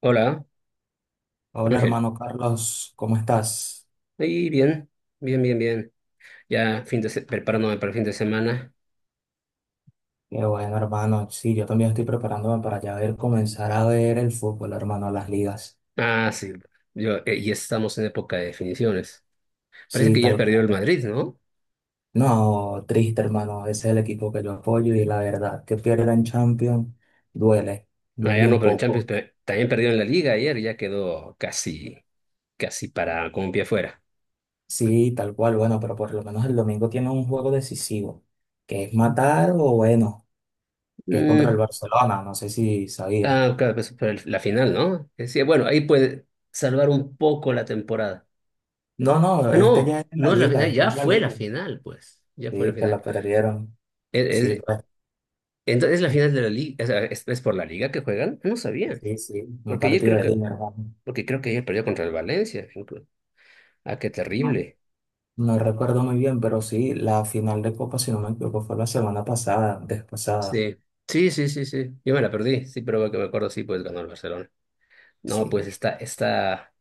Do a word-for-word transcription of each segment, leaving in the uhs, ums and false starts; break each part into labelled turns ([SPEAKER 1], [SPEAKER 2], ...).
[SPEAKER 1] Hola,
[SPEAKER 2] Hola
[SPEAKER 1] Ángel.
[SPEAKER 2] hermano Carlos, ¿cómo estás?
[SPEAKER 1] Ahí bien, bien, bien, bien. Ya fin de se- preparándome para el fin de semana.
[SPEAKER 2] Qué bueno hermano, sí, yo también estoy preparándome para ya ver, comenzar a ver el fútbol hermano, las ligas.
[SPEAKER 1] Ah, sí. Yo, eh, ya estamos en época de definiciones. Parece
[SPEAKER 2] Sí,
[SPEAKER 1] que ayer
[SPEAKER 2] tal
[SPEAKER 1] perdió el
[SPEAKER 2] cual.
[SPEAKER 1] Madrid, ¿no?
[SPEAKER 2] No, triste hermano, ese es el equipo que yo apoyo y la verdad que pierdan Champions duele,
[SPEAKER 1] Ah,
[SPEAKER 2] duele
[SPEAKER 1] ya no,
[SPEAKER 2] un
[SPEAKER 1] pero en Champions
[SPEAKER 2] poco.
[SPEAKER 1] pe- también perdió en la Liga ayer. Ya quedó casi, casi para con un pie fuera.
[SPEAKER 2] Sí, tal cual, bueno, pero por lo menos el domingo tiene un juego decisivo, que es matar o bueno, que es contra el
[SPEAKER 1] Mm,
[SPEAKER 2] Barcelona, no sé si sabías.
[SPEAKER 1] ah, claro, pues, para el- la final, ¿no? Decía, bueno, ahí puede salvar un poco la temporada.
[SPEAKER 2] No, no,
[SPEAKER 1] Ah,
[SPEAKER 2] este ya
[SPEAKER 1] no,
[SPEAKER 2] es en la
[SPEAKER 1] no es la
[SPEAKER 2] liga,
[SPEAKER 1] final.
[SPEAKER 2] este
[SPEAKER 1] Ya
[SPEAKER 2] es la
[SPEAKER 1] fue la
[SPEAKER 2] liga,
[SPEAKER 1] final, pues. Ya fue la
[SPEAKER 2] sí, que la
[SPEAKER 1] final.
[SPEAKER 2] perdieron. Sí, pues.
[SPEAKER 1] Entonces la final de la liga, o sea, ¿es, es por la liga que juegan? No sabía,
[SPEAKER 2] Sí, sí, un
[SPEAKER 1] porque ayer
[SPEAKER 2] partido
[SPEAKER 1] creo
[SPEAKER 2] de
[SPEAKER 1] que,
[SPEAKER 2] Liga, ¿verdad?
[SPEAKER 1] porque creo que ayer perdió contra el Valencia. inclu- Ah, qué
[SPEAKER 2] No,
[SPEAKER 1] terrible.
[SPEAKER 2] no recuerdo muy bien, pero sí, la final de Copa, si no me equivoco, fue la semana pasada, antes pasada.
[SPEAKER 1] Sí, sí, sí, sí, sí. Yo me la perdí, sí, pero que me acuerdo, sí, pues ganó el Barcelona. No, pues
[SPEAKER 2] Sí,
[SPEAKER 1] está, está,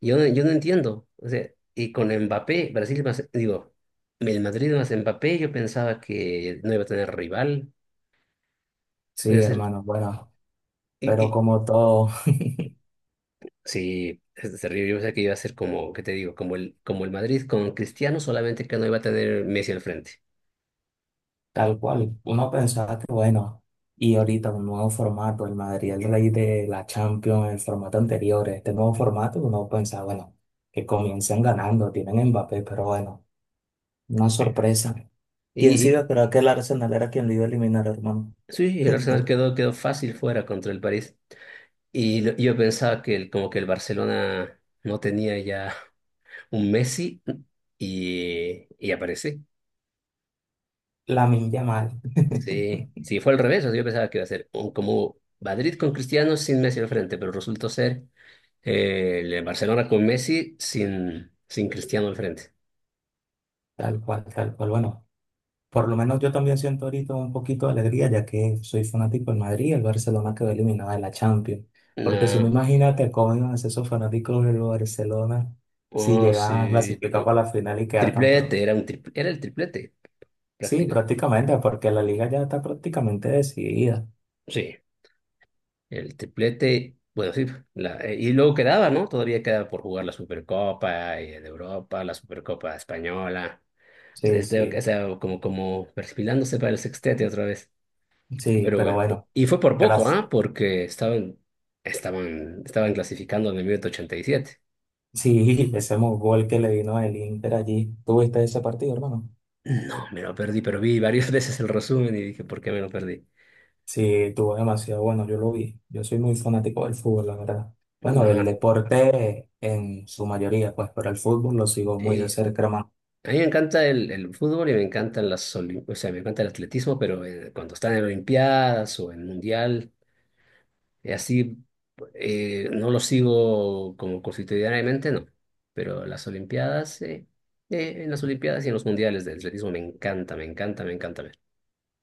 [SPEAKER 1] yo, no- yo no entiendo. O sea, y con Mbappé, Brasil más, digo, el Madrid más Mbappé, yo pensaba que no iba a tener rival. Iba
[SPEAKER 2] sí,
[SPEAKER 1] a ser-
[SPEAKER 2] hermano, bueno, pero
[SPEAKER 1] y,
[SPEAKER 2] como todo,
[SPEAKER 1] Sí, es- terrible. Yo pensé que iba a ser como, ¿qué te digo? Como el, como el Madrid con Cristiano, solamente que no iba a tener Messi al frente.
[SPEAKER 2] tal cual, uno pensaba que bueno, y ahorita un nuevo formato, el Madrid, el rey de la Champions, el formato anterior, este nuevo formato, uno pensaba, bueno, que comiencen ganando, tienen a Mbappé, pero bueno, una
[SPEAKER 1] Sí.
[SPEAKER 2] sorpresa. ¿Quién
[SPEAKER 1] Y,
[SPEAKER 2] sí iba a
[SPEAKER 1] y-
[SPEAKER 2] esperar que el Arsenal era quien lo iba a eliminar, hermano?
[SPEAKER 1] sí, el Arsenal quedó, quedó fácil fuera contra el París. Y lo- yo pensaba que el, como que el Barcelona no tenía ya un Messi y, y aparece.
[SPEAKER 2] Lamine mal,
[SPEAKER 1] Sí, sí, fue al revés. O sea, yo pensaba que iba a ser un- como Madrid con Cristiano sin Messi al frente, pero resultó ser eh, el Barcelona con Messi sin, sin Cristiano al frente.
[SPEAKER 2] tal cual, tal cual, bueno. Por lo menos yo también siento ahorita un poquito de alegría, ya que soy fanático del Madrid y el Barcelona quedó eliminado de la Champions. Porque si no,
[SPEAKER 1] No.
[SPEAKER 2] imagínate cómo iban a ser esos fanáticos del Barcelona si
[SPEAKER 1] Oh,
[SPEAKER 2] llegaban a
[SPEAKER 1] sí.
[SPEAKER 2] clasificar
[SPEAKER 1] eh,
[SPEAKER 2] para la final y quedar
[SPEAKER 1] Triplete,
[SPEAKER 2] campeón.
[SPEAKER 1] era un tripl- era el triplete,
[SPEAKER 2] Sí,
[SPEAKER 1] práctica.
[SPEAKER 2] prácticamente, porque la liga ya está prácticamente decidida.
[SPEAKER 1] Sí, el triplete, bueno, sí. La- eh, y luego quedaba, ¿no? Todavía quedaba por jugar la Supercopa y de Europa, la Supercopa Española.
[SPEAKER 2] Sí,
[SPEAKER 1] Este, o
[SPEAKER 2] sí,
[SPEAKER 1] sea, como, como perfilándose para el sextete otra vez.
[SPEAKER 2] sí,
[SPEAKER 1] Pero
[SPEAKER 2] pero
[SPEAKER 1] bueno, po-
[SPEAKER 2] bueno,
[SPEAKER 1] y fue por poco,
[SPEAKER 2] gracias.
[SPEAKER 1] ¿ah? Porque estaban, estaban, estaban clasificando en el minuto ochenta y siete.
[SPEAKER 2] Sí, ese gol que le vino el Inter allí. ¿Tuviste ese partido, hermano?
[SPEAKER 1] No, me lo perdí, pero vi varias veces el resumen y dije, ¿por qué me lo perdí?
[SPEAKER 2] Sí, tuvo demasiado bueno, yo lo vi. Yo soy muy fanático del fútbol, la verdad. Bueno, del
[SPEAKER 1] No,
[SPEAKER 2] deporte en su mayoría, pues, pero el fútbol lo sigo muy de
[SPEAKER 1] sí,
[SPEAKER 2] cerca, hermano.
[SPEAKER 1] a mí me encanta el, el fútbol y me encantan las, olim- o sea, me encanta el atletismo, pero eh, cuando están en Olimpiadas o en Mundial, eh, así, eh, no lo sigo como constitucionalmente, no. Pero las Olimpiadas, eh, eh, en las Olimpiadas y en los Mundiales de atletismo me encanta, me encanta, me encanta ver.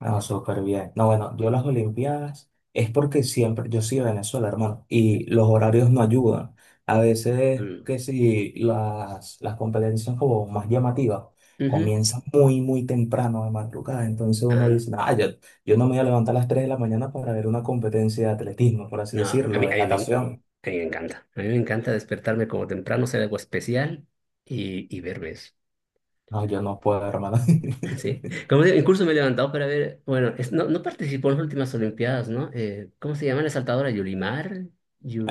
[SPEAKER 2] No, súper bien. No, bueno, yo las Olimpiadas es porque siempre, yo soy de Venezuela, hermano, y los horarios no ayudan. A veces
[SPEAKER 1] Mm.
[SPEAKER 2] que si las, las competencias como más llamativas
[SPEAKER 1] Ujú.
[SPEAKER 2] comienzan muy, muy temprano de madrugada, entonces uno
[SPEAKER 1] Ah,
[SPEAKER 2] dice, ah, yo, yo no me voy a levantar a las tres de la mañana para ver una competencia de atletismo, por así
[SPEAKER 1] no, a mí,
[SPEAKER 2] decirlo, de
[SPEAKER 1] a mí me, en-
[SPEAKER 2] natación.
[SPEAKER 1] a mí me encanta. A mí me encanta despertarme como temprano, ser algo especial y, y verme.
[SPEAKER 2] No, yo no puedo, hermano.
[SPEAKER 1] Sí, como digo, incluso me he levantado para ver, bueno, es- no, no participó en las últimas Olimpiadas, ¿no? Eh, ¿cómo se llama la saltadora? Yulimar,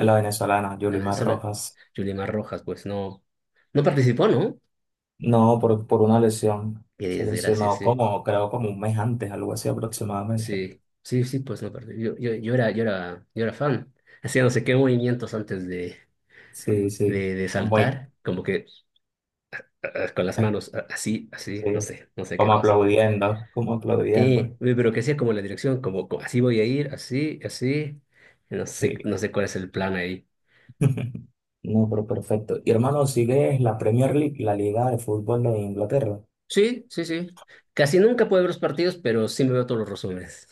[SPEAKER 2] En La venezolana,
[SPEAKER 1] la
[SPEAKER 2] Yulimar
[SPEAKER 1] Venezuela,
[SPEAKER 2] Rojas.
[SPEAKER 1] Yulimar Rojas, pues no, no participó, ¿no?
[SPEAKER 2] No, por, por una lesión.
[SPEAKER 1] Qué
[SPEAKER 2] Se
[SPEAKER 1] desgracia,
[SPEAKER 2] lesionó
[SPEAKER 1] sí,
[SPEAKER 2] como, creo, como un mes antes, algo así aproximadamente.
[SPEAKER 1] sí, sí, sí, pues no participó. Yo, yo, yo era, yo era, yo era fan, hacía no sé qué movimientos antes de,
[SPEAKER 2] Sí, sí.
[SPEAKER 1] de, de
[SPEAKER 2] Es muy,
[SPEAKER 1] saltar, como que ah, ah, con las manos ah, así, así,
[SPEAKER 2] sí.
[SPEAKER 1] no sé, no sé qué
[SPEAKER 2] Como
[SPEAKER 1] cosa.
[SPEAKER 2] aplaudiendo, como aplaudiendo.
[SPEAKER 1] Eh, uy, pero que sea como la dirección, como, co- así voy a ir, así, así. No sé,
[SPEAKER 2] Sí.
[SPEAKER 1] no sé cuál es el plan ahí.
[SPEAKER 2] No, pero perfecto. Y hermano, ¿sigues la Premier League, la Liga de Fútbol de Inglaterra?
[SPEAKER 1] Sí, sí, sí. Casi nunca puedo ver los partidos, pero sí me veo todos los resúmenes.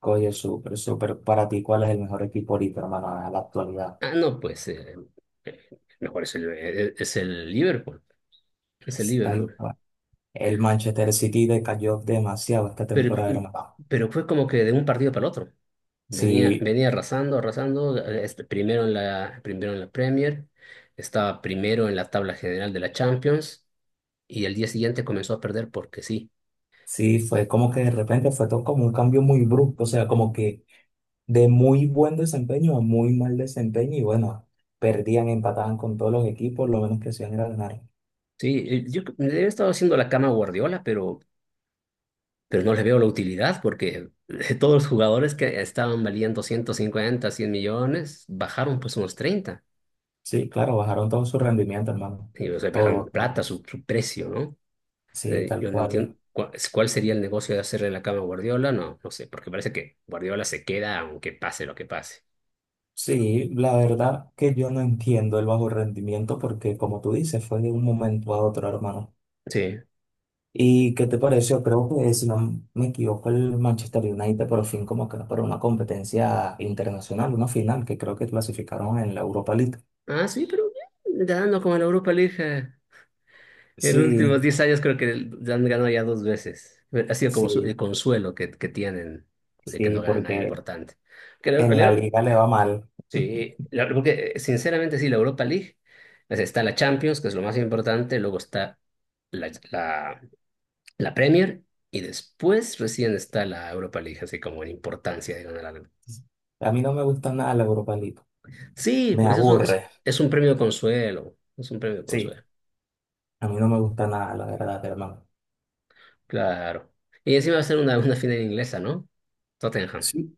[SPEAKER 2] Oye, súper, súper. Para ti, ¿cuál es el mejor equipo ahorita, hermano, a la actualidad?
[SPEAKER 1] Ah, no, pues eh, eh, mejor es el, eh, es el Liverpool. Es el
[SPEAKER 2] Tal
[SPEAKER 1] Liverpool.
[SPEAKER 2] cual. El Manchester City decayó demasiado esta
[SPEAKER 1] Pero,
[SPEAKER 2] temporada, hermano.
[SPEAKER 1] pero fue como que de un partido para el otro. Venía,
[SPEAKER 2] Sí,
[SPEAKER 1] venía arrasando, arrasando. Eh, este, primero en la, primero en la Premier, estaba primero en la tabla general de la Champions y el día siguiente comenzó a perder porque sí.
[SPEAKER 2] sí, fue como que de repente fue todo como un cambio muy brusco, o sea, como que de muy buen desempeño a muy mal desempeño y bueno, perdían, empataban con todos los equipos, lo menos que hacían era ganar.
[SPEAKER 1] Sí, eh, yo creo que le he estado haciendo la cama a Guardiola, pero, pero no le veo la utilidad porque todos los jugadores que estaban valiendo ciento cincuenta cien millones bajaron pues unos treinta.
[SPEAKER 2] Sí, claro, bajaron todo su rendimiento, hermano.
[SPEAKER 1] Y, o sea, bajaron en
[SPEAKER 2] Todos,
[SPEAKER 1] plata su,
[SPEAKER 2] todos.
[SPEAKER 1] su precio, ¿no?
[SPEAKER 2] Sí,
[SPEAKER 1] Eh,
[SPEAKER 2] tal
[SPEAKER 1] yo no entiendo
[SPEAKER 2] cual.
[SPEAKER 1] cuál, cuál sería el negocio de hacerle la cama a Guardiola, no, no sé, porque parece que Guardiola se queda aunque pase lo que pase.
[SPEAKER 2] Sí, la verdad que yo no entiendo el bajo rendimiento porque como tú dices, fue de un momento a otro, hermano.
[SPEAKER 1] Sí.
[SPEAKER 2] ¿Y qué te pareció? Creo que, si no me equivoco, el Manchester United por fin como que para una competencia internacional, una final, que creo que clasificaron en la Europa League.
[SPEAKER 1] Ah, sí, pero bien, dando como a la Europa League. eh. En los últimos
[SPEAKER 2] Sí,
[SPEAKER 1] diez años creo que el- han ganado ya dos veces. Ha sido como su- el
[SPEAKER 2] sí,
[SPEAKER 1] consuelo que, que tienen de que
[SPEAKER 2] sí,
[SPEAKER 1] no ganan nada
[SPEAKER 2] porque
[SPEAKER 1] importante. Que la-
[SPEAKER 2] en la
[SPEAKER 1] la-
[SPEAKER 2] liga le va mal.
[SPEAKER 1] sí, la- porque eh, sinceramente sí, la Europa League, pues, está la Champions, que es lo más importante, luego está la, la, la Premier y después recién está la Europa League, así como en importancia de ganar algo.
[SPEAKER 2] A mí no me gusta nada la Europa League.
[SPEAKER 1] Sí,
[SPEAKER 2] Me
[SPEAKER 1] pues es un, es,
[SPEAKER 2] aburre.
[SPEAKER 1] es un premio de consuelo, es un premio de
[SPEAKER 2] Sí,
[SPEAKER 1] consuelo,
[SPEAKER 2] a mí no me gusta nada, la verdad, hermano.
[SPEAKER 1] claro. Y encima va a ser una, una final inglesa, ¿no? Tottenham.
[SPEAKER 2] Sí.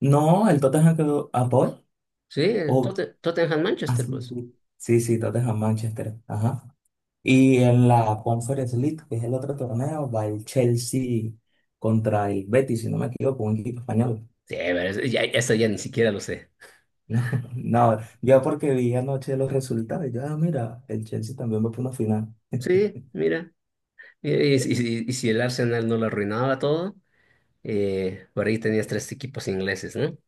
[SPEAKER 2] No, el Tottenham quedó a Paul.
[SPEAKER 1] Sí, el
[SPEAKER 2] Oh,
[SPEAKER 1] Totte- Tottenham
[SPEAKER 2] ah,
[SPEAKER 1] Manchester,
[SPEAKER 2] sí,
[SPEAKER 1] pues.
[SPEAKER 2] sí. Sí, sí, Tottenham Manchester. Ajá. Y en la Conference League, que es el otro torneo, va el Chelsea contra el Betis, si no me equivoco, un equipo español.
[SPEAKER 1] Sí, pero eso ya, eso ya ni siquiera lo sé.
[SPEAKER 2] No, no, yo porque vi anoche los resultados, yo, ah, mira, el Chelsea también va por una final,
[SPEAKER 1] Sí, mira. Mira, Y, si y- si y si el Arsenal no lo arruinaba todo, eh, por ahí tenías tres equipos ingleses, ¿no? No,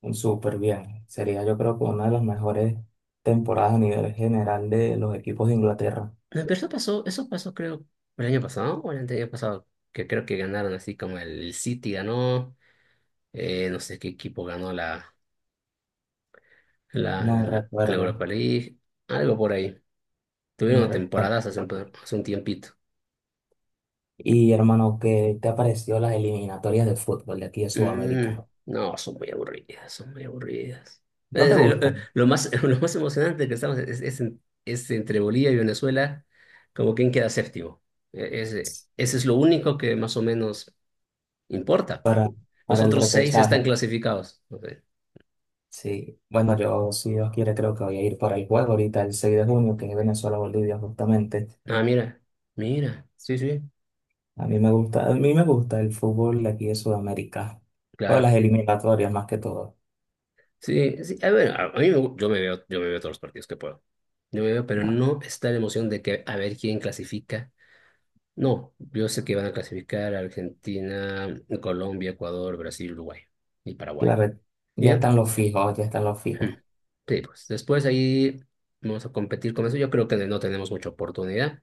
[SPEAKER 2] un súper bien. Sería yo creo que una de las mejores temporadas a nivel general de los equipos de Inglaterra.
[SPEAKER 1] pero eso pasó, eso pasó creo el año pasado o el año pasado, que creo que ganaron así como el City ganó, eh, no sé qué equipo ganó la, la, la,
[SPEAKER 2] No
[SPEAKER 1] la
[SPEAKER 2] recuerdo,
[SPEAKER 1] Europa League, algo por ahí.
[SPEAKER 2] no
[SPEAKER 1] Tuvieron
[SPEAKER 2] recuerdo.
[SPEAKER 1] temporadas hace un, hace un tiempito.
[SPEAKER 2] Y hermano, ¿qué te pareció las eliminatorias de fútbol de aquí de
[SPEAKER 1] Mm,
[SPEAKER 2] Sudamérica?
[SPEAKER 1] no, son muy aburridas, son muy aburridas.
[SPEAKER 2] ¿No
[SPEAKER 1] Es-
[SPEAKER 2] te
[SPEAKER 1] eh, lo, eh,
[SPEAKER 2] gustan?
[SPEAKER 1] lo más lo más emocionante que estamos es, es, en- es entre Bolivia y Venezuela, como quien queda séptimo. E- Ese, ese es lo único que más o menos importa. Los
[SPEAKER 2] Para el
[SPEAKER 1] otros seis
[SPEAKER 2] repechaje.
[SPEAKER 1] están clasificados. Ok.
[SPEAKER 2] Sí, bueno, yo si Dios quiere creo que voy a ir para el juego ahorita el seis de junio, que es Venezuela-Bolivia justamente.
[SPEAKER 1] Ah, mira, mira, sí, sí,
[SPEAKER 2] A mí me gusta, a mí me gusta el fútbol de aquí de Sudamérica, o
[SPEAKER 1] claro.
[SPEAKER 2] las eliminatorias más que todo.
[SPEAKER 1] Sí, sí, a ver, a, a mí me gu- yo me veo, yo me veo todos los partidos que puedo. Yo me veo, pero
[SPEAKER 2] No,
[SPEAKER 1] no está la emoción de que a ver quién clasifica. No, yo sé que van a clasificar a Argentina, Colombia, Ecuador, Brasil, Uruguay y Paraguay.
[SPEAKER 2] claro, ya
[SPEAKER 1] ¿Ya?
[SPEAKER 2] están los fijos, ya están los fijos.
[SPEAKER 1] Sí, pues después ahí vamos a competir con eso. Yo creo que no tenemos mucha oportunidad.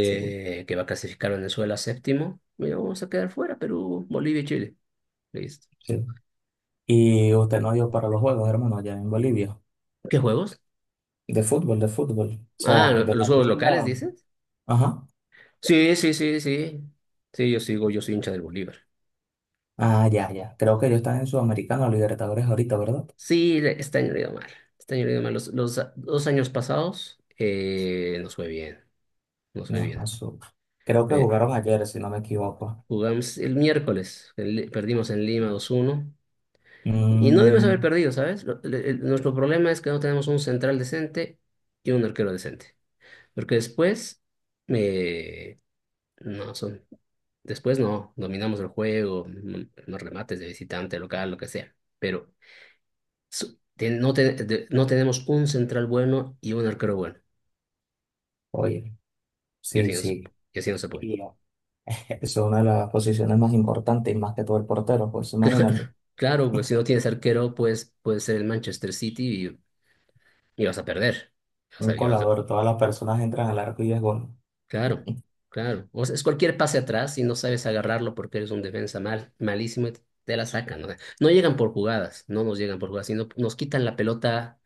[SPEAKER 2] Sí,
[SPEAKER 1] Que va a clasificar Venezuela séptimo. Bueno, vamos a quedar fuera, Perú, Bolivia y Chile. Listo.
[SPEAKER 2] sí. Y usted no dio para los juegos, hermano, allá en Bolivia.
[SPEAKER 1] ¿Qué juegos?
[SPEAKER 2] De fútbol, de fútbol. O
[SPEAKER 1] Ah,
[SPEAKER 2] sea, de
[SPEAKER 1] ¿los
[SPEAKER 2] la
[SPEAKER 1] juegos locales,
[SPEAKER 2] liga.
[SPEAKER 1] dices?
[SPEAKER 2] Ajá.
[SPEAKER 1] Sí, sí, sí, sí. Sí, yo sigo, yo soy hincha del Bolívar.
[SPEAKER 2] Ah, ya, ya. Creo que ellos están en Sudamericano, Libertadores ahorita, ¿verdad?
[SPEAKER 1] Sí, le- este año le ha ido mal. Este año le ha ido mal. Los, los a- dos años pasados, eh, nos fue bien. Nos fue
[SPEAKER 2] No, a
[SPEAKER 1] bien.
[SPEAKER 2] su- Creo que
[SPEAKER 1] Eh,
[SPEAKER 2] jugaron ayer, si no me equivoco.
[SPEAKER 1] jugamos el miércoles. En Li- perdimos en Lima dos uno. Y no debemos haber
[SPEAKER 2] Mm,
[SPEAKER 1] perdido, ¿sabes? Lo- le- el- nuestro problema es que no tenemos un central decente y un arquero decente. Porque después, eh, no, son, después no, dominamos el juego, mm, los remates de visitante, local, lo que sea. Pero su- ten- no, ten- de- no tenemos un central bueno y un arquero bueno.
[SPEAKER 2] oye,
[SPEAKER 1] Y
[SPEAKER 2] sí,
[SPEAKER 1] así no, se-
[SPEAKER 2] sí.
[SPEAKER 1] y así no se puede.
[SPEAKER 2] Y eso es una de las posiciones más importantes y más que todo el portero, pues
[SPEAKER 1] Claro,
[SPEAKER 2] imagínate,
[SPEAKER 1] claro, pues si no tienes arquero, pues puede ser el Manchester City y, y vas a perder. O
[SPEAKER 2] un
[SPEAKER 1] sea, y vas a-
[SPEAKER 2] colador, todas las personas entran al arco y es gol.
[SPEAKER 1] claro, claro. O sea, es cualquier pase atrás y no sabes agarrarlo porque eres un defensa mal, malísimo y te la sacan. O sea, no llegan por jugadas, no nos llegan por jugadas, sino nos quitan la pelota,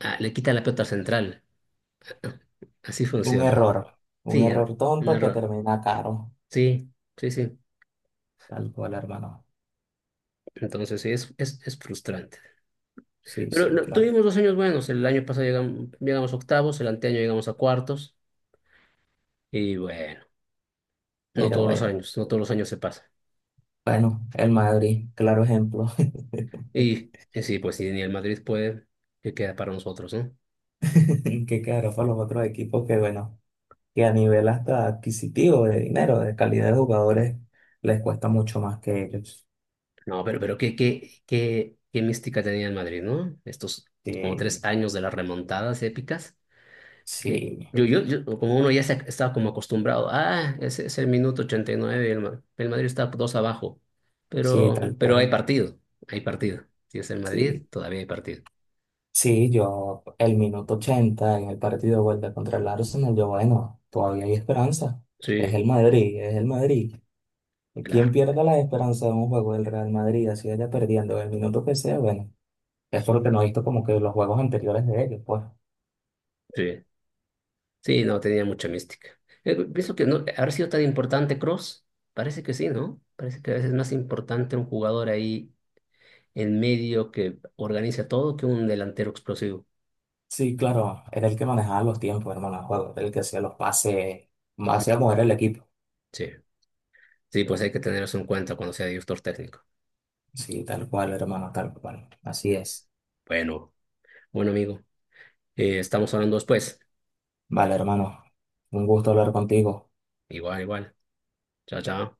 [SPEAKER 1] ah, le quitan la pelota al central. Así
[SPEAKER 2] Un
[SPEAKER 1] funciona.
[SPEAKER 2] error, un
[SPEAKER 1] Sí,
[SPEAKER 2] error
[SPEAKER 1] er- un
[SPEAKER 2] tonto que
[SPEAKER 1] error.
[SPEAKER 2] termina caro,
[SPEAKER 1] Sí, sí, sí.
[SPEAKER 2] tal cual, hermano.
[SPEAKER 1] Entonces sí, es, es, es frustrante.
[SPEAKER 2] Sí,
[SPEAKER 1] Pero
[SPEAKER 2] sí,
[SPEAKER 1] no,
[SPEAKER 2] claro.
[SPEAKER 1] tuvimos dos años buenos. El año pasado llegamos, llegamos a octavos, el anteaño llegamos a cuartos. Y bueno, no
[SPEAKER 2] Pero
[SPEAKER 1] todos los
[SPEAKER 2] bueno,
[SPEAKER 1] años, no todos los años se pasa.
[SPEAKER 2] bueno, el Madrid, claro ejemplo,
[SPEAKER 1] Y, y sí, pues si ni el Madrid puede, ¿qué queda para nosotros, no?
[SPEAKER 2] que quedará para los otros equipos que, bueno, que a nivel hasta adquisitivo de dinero, de calidad de jugadores, les cuesta mucho más que ellos.
[SPEAKER 1] No, pero, pero qué, qué, qué, qué mística tenía el Madrid, ¿no? Estos como tres
[SPEAKER 2] Sí,
[SPEAKER 1] años de las remontadas épicas, que
[SPEAKER 2] sí,
[SPEAKER 1] yo, yo, yo- como uno ya se, ac- estaba como acostumbrado, ah, ese es el minuto ochenta y nueve y nueve, y el, Ma- el Madrid está dos abajo.
[SPEAKER 2] sí,
[SPEAKER 1] Pero,
[SPEAKER 2] tal
[SPEAKER 1] pero hay
[SPEAKER 2] cual.
[SPEAKER 1] partido, hay partido. Si es el Madrid,
[SPEAKER 2] Sí.
[SPEAKER 1] todavía hay partido.
[SPEAKER 2] Sí, yo el minuto ochenta en el partido de vuelta contra el Arsenal, yo bueno, todavía hay esperanza. Es
[SPEAKER 1] Sí,
[SPEAKER 2] el Madrid, es el Madrid. Quien
[SPEAKER 1] claro,
[SPEAKER 2] pierda la esperanza de un juego del Real Madrid, así vaya perdiendo el minuto que sea, bueno, eso es lo que no he visto como que los juegos anteriores de ellos, pues.
[SPEAKER 1] sí. Sí, no, tenía mucha mística. Eh, pienso que no, haber sido tan importante Cross, parece que sí, ¿no? Parece que a veces es más importante un jugador ahí en medio que organiza todo que un delantero explosivo.
[SPEAKER 2] Sí, claro, era el que manejaba los tiempos, hermano, el juego, era el que hacía los pases, más
[SPEAKER 1] Mm,
[SPEAKER 2] hacía mover el equipo.
[SPEAKER 1] Sí, sí, pues hay que tener eso en cuenta cuando sea director técnico.
[SPEAKER 2] Sí, tal cual, hermano, tal cual. Así es.
[SPEAKER 1] Bueno, bueno, amigo, eh, estamos hablando después.
[SPEAKER 2] Vale, hermano, un gusto hablar contigo.
[SPEAKER 1] Igual, igual. Chao, chao.